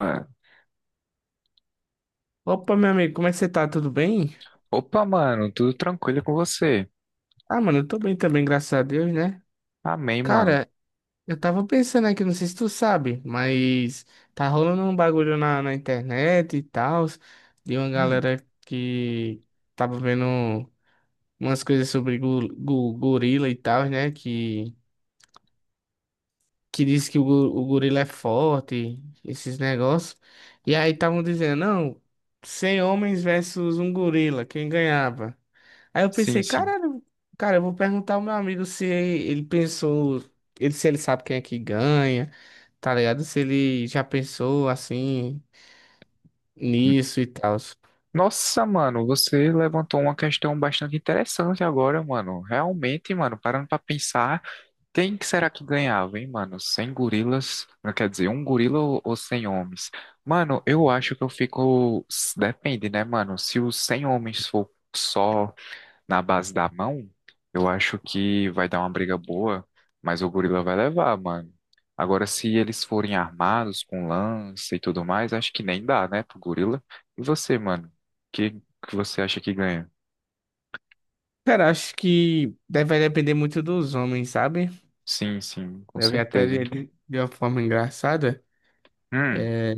Mano. Opa, meu amigo, como é que você tá? Tudo bem? Opa, mano, tudo tranquilo com você? Ah, mano, eu tô bem também, graças a Deus, né? Amém, mano. Cara, eu tava pensando aqui, não sei se tu sabe, mas tá rolando um bagulho na internet e tal, de uma Hum, galera que tava vendo umas coisas sobre gorila e tal, né? Que diz que o gorila é forte, esses negócios. E aí estavam dizendo, não, 100 homens versus um gorila, quem ganhava? Aí eu sim, pensei, sim. caralho, cara, eu vou perguntar ao meu amigo se ele pensou, se ele sabe quem é que ganha, tá ligado? Se ele já pensou assim Hum, nisso e tal. Nossa, mano, você levantou uma questão bastante interessante agora, mano. Realmente, mano, parando pra pensar, quem que será que ganhava, hein, mano? 100 gorilas, não quer dizer, um gorila ou 100 homens? Mano, eu acho que eu fico. Depende, né, mano? Se os 100 homens for só, na base da mão, eu acho que vai dar uma briga boa, mas o gorila vai levar, mano. Agora, se eles forem armados com lança e tudo mais, acho que nem dá, né, pro gorila. E você, mano? O que que você acha que ganha? Cara, acho que deve depender muito dos homens, sabe? Sim, sim, com Eu vi até certeza. de uma forma engraçada. Hum, É,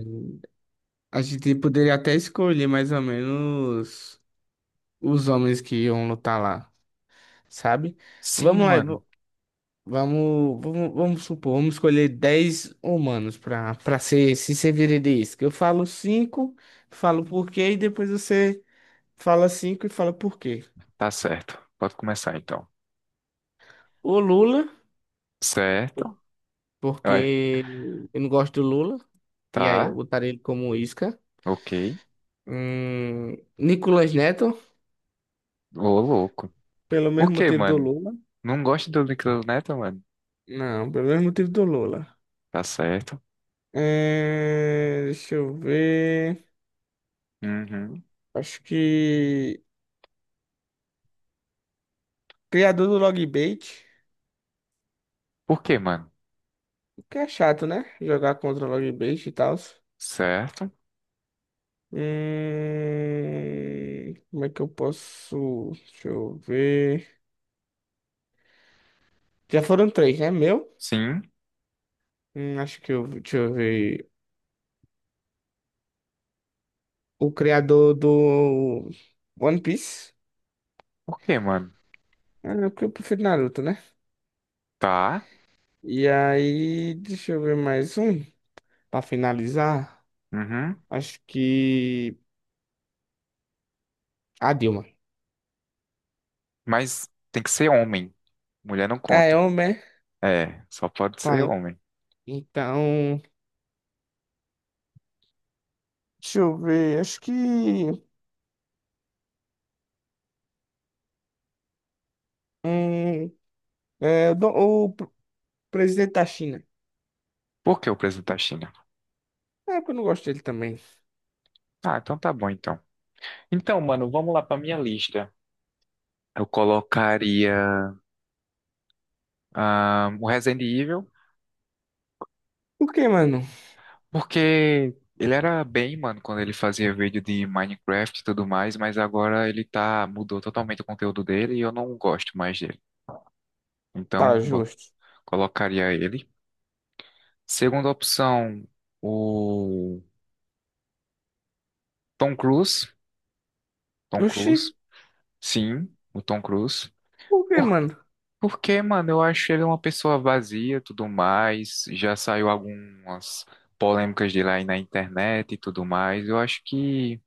a gente poderia até escolher mais ou menos os homens que iam lutar lá, sabe? sim, Vamos lá. mano, Vamos supor, vamos escolher 10 humanos para ser se sincerista. Eu falo cinco, falo por quê, e depois você fala 5 e fala por quê. tá certo. Pode começar então. O Lula, por- Certo? Vai. porque eu não gosto do Lula, e aí eu Tá, botaria ele como isca. ok. Nicolas Neto, Ô, louco. pelo Por mesmo que, motivo do mano? Lula. Não gosta do Nickel Neto, mano? Não, pelo mesmo motivo do Lula. Tá certo. É, deixa eu ver. Uhum. Acho que. Criador do Logbait. Por que, mano? Que é chato, né? Jogar contra o Log Base e tal. Certo. Como é que eu posso? Deixa eu ver. Já foram três, né? Meu? Sim. Acho que eu. Deixa eu ver. O criador do One Piece. Por quê, mano? Ah, não, porque eu prefiro Naruto, né? Tá. E aí, deixa eu ver mais um. Pra finalizar, Uhum. acho que. A Dilma. Mas tem que ser homem. Mulher não Ah, é conta. homem, é? É, só pode Tá. ser homem. Então. Deixa eu ver. Acho que. Hum, é, o, Dom- o Presidente da China. Por que o presunto da China? É porque eu não gosto dele também. Ah, então tá bom, então. Então, mano, vamos lá pra minha lista. Eu colocaria o Resident Evil, Por que, mano? porque ele era bem, mano, quando ele fazia vídeo de Minecraft e tudo mais, mas agora ele tá, mudou totalmente o conteúdo dele e eu não gosto mais dele. Então, Tá justo. colocaria ele. Segunda opção, o Tom Cruise, Tom Oxi. Cruise, sim, o Tom Cruise. Por que, Por, mano? porque, mano, eu acho ele uma pessoa vazia, tudo mais. Já saiu algumas polêmicas dele aí na internet e tudo mais. Eu acho que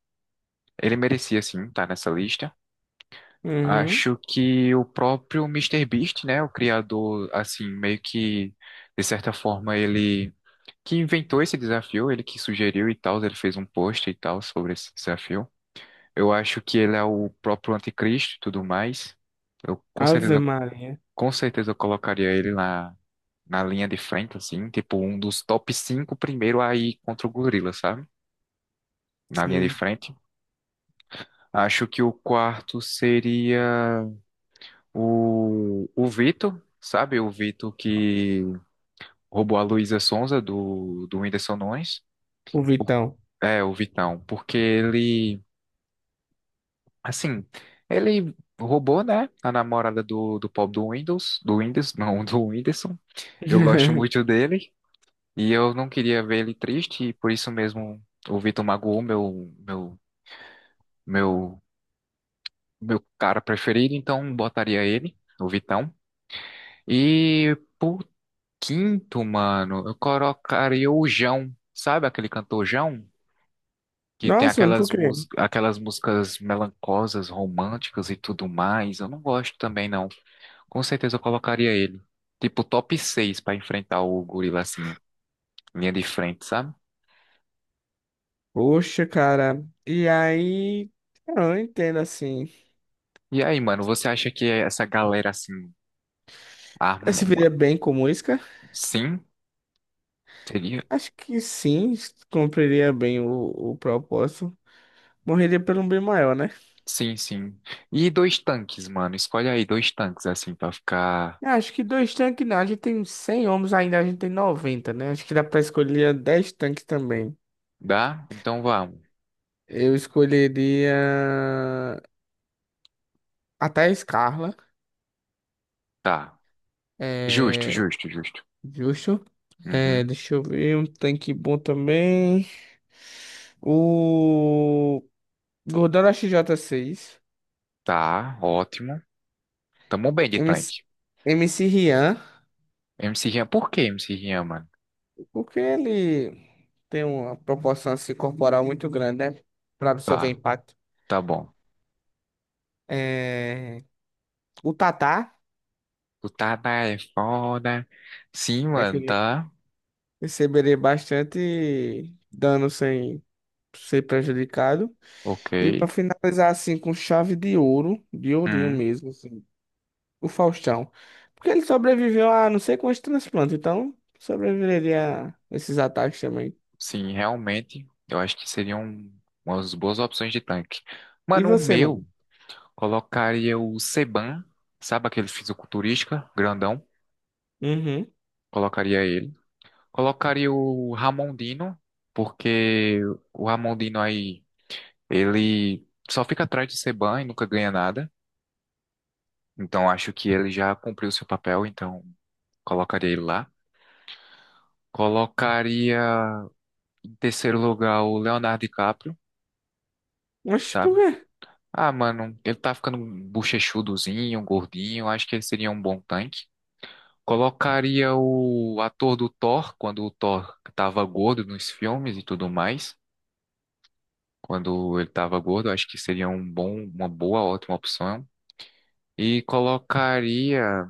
ele merecia sim estar nessa lista. Uhum. Acho que o próprio Mister Beast, né, o criador, assim, meio que de certa forma ele que inventou esse desafio, ele que sugeriu e tal, ele fez um post e tal sobre esse desafio. Eu acho que ele é o próprio anticristo e tudo mais. Eu Ave Maria. com certeza eu colocaria ele na linha de frente, assim, tipo um dos top 5 primeiro aí contra o gorila, sabe? Na linha de Sei. frente. Acho que o quarto seria o Vitor, sabe? O Vitor que roubou a Luísa Sonza do Whindersson Nunes. O O- Vitão. É, o Vitão, porque ele assim, ele roubou, né, a namorada do Paul do Windows, não, do Whindersson. Eu gosto muito dele e eu não queria ver ele triste e por isso mesmo o Vitor magoou meu, meu cara preferido, então botaria ele, o Vitão. E por quinto, mano, eu colocaria o Jão, sabe aquele cantor Jão? Que tem Nossa, mano, por aquelas, quê? mús aquelas músicas melancosas, românticas e tudo mais. Eu não gosto também, não. Com certeza eu colocaria ele. Tipo, top 6 pra enfrentar o gorila, assim, linha de frente, sabe? Poxa, cara. E aí. Eu não entendo assim. E aí, mano, você acha que essa galera, assim, Esse arma. viria bem com música? Sim? Seria? Acho que sim. Cumpriria bem o propósito. Morreria pelo um bem maior, né? Sim, sim. E dois tanques, mano. Escolhe aí dois tanques, assim, pra ficar. Acho que dois tanques não. A gente tem 100 homens ainda, a gente tem 90, né? Acho que dá pra escolher 10 tanques também. Dá? Então vamos. Eu escolheria até a Scarla. Tá. Justo, É justo, justo. justo. É, Uhum. deixa eu ver um tanque bom também. O Gordon XJ6. Tá, ótimo. Tamo bem de MC, tanque. MC M C Rian. MC Rian, por que MC Rian, mano? Porque ele tem uma proporção assim, corporal muito grande, né? Para absorver Tá, impacto. tá bom. É, o Tatá, Tu tá na é foda. Sim, né, que mano, ele tá. receberia bastante dano sem ser prejudicado. Ok. E pra finalizar assim com chave de ouro, de ourinho Hum, mesmo, assim, o Faustão. Porque ele sobreviveu a não sei quantos transplantes, então sobreviveria a esses ataques também. sim, realmente, eu acho que seriam umas boas opções de tanque. E Mano, o você, meu, mano? colocaria o Seban, sabe aquele fisiculturista grandão? Uhum. Colocaria ele. Colocaria o Ramondino, porque o Ramondino aí, ele só fica atrás de Seban e nunca ganha nada. Então, acho que ele já cumpriu seu papel, então colocaria ele lá. Colocaria em terceiro lugar o Leonardo DiCaprio, Mas por sabe? quê? Ah, mano, ele tá ficando um bochechudozinho, um gordinho. Acho que ele seria um bom tanque. Colocaria o ator do Thor, quando o Thor tava gordo nos filmes e tudo mais. Quando ele tava gordo, acho que seria um bom, uma boa, ótima opção. E colocaria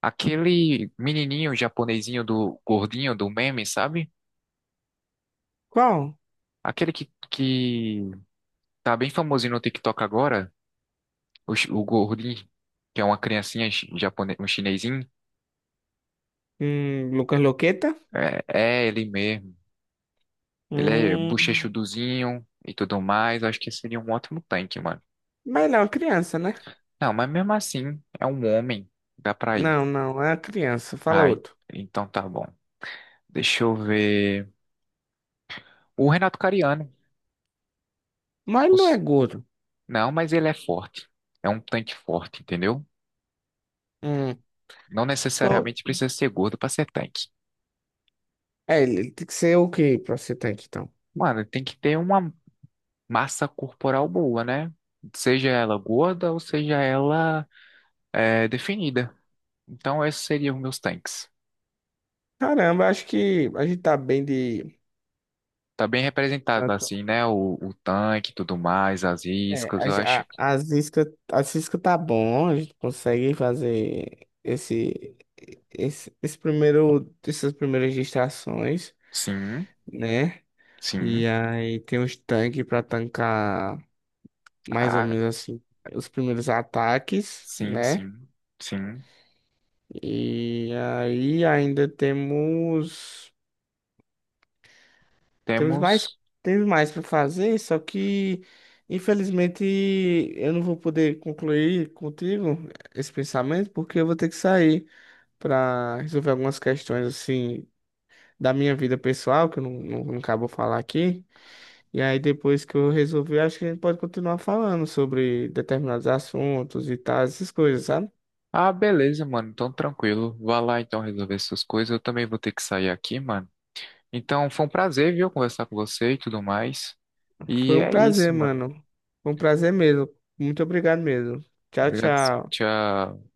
aquele menininho japonesinho do gordinho do meme, sabe? Qual? Aquele que tá bem famosinho no TikTok agora, o gordinho, que é uma criancinha um chinesinho. Lucas Loqueta? É, é ele mesmo. Ele é Hum. bochechuduzinho e tudo mais. Acho que seria um ótimo tanque, mano. Mas não, é criança, né? Não, mas mesmo assim, é um homem. Dá pra ir. Não, não, é criança. Fala Ai, outro. então tá bom. Deixa eu ver. O Renato Cariano. Mas não é Os- gordo. Não, mas ele é forte. É um tanque forte, entendeu? Hum. Não Tô. necessariamente precisa ser gordo pra ser tanque. É, ele tem que ser o quê pra você ter aqui, então? Mano, tem que ter uma massa corporal boa, né? Seja ela gorda ou seja ela definida. Então, esses seriam meus tanques. Caramba, acho que a gente tá bem de. Tá bem representado, assim, né? O tanque e tudo mais, as É, iscas, a, eu gen- acho. a, as Zisca, a Zisca tá bom, a gente consegue fazer esse primeiro, essas primeiras distrações, Sim, né? sim. E aí tem os tanques pra tancar mais ou Ah, menos assim os primeiros ataques, sim, né? sim, sim. E aí ainda temos. Temos mais, Temos. temos mais para fazer, só que infelizmente eu não vou poder concluir contigo esse pensamento porque eu vou ter que sair para resolver algumas questões assim da minha vida pessoal que eu não, não, não acabo falar aqui. E aí depois que eu resolver, acho que a gente pode continuar falando sobre determinados assuntos e tal, essas coisas, sabe? Ah, beleza, mano. Então, tranquilo. Vá lá, então, resolver suas coisas. Eu também vou ter que sair aqui, mano. Então, foi um prazer, viu, conversar com você e tudo mais. Foi E um é prazer, isso, mano. mano. Foi um prazer mesmo. Muito obrigado mesmo. Tchau, Obrigado. tchau. Tchau.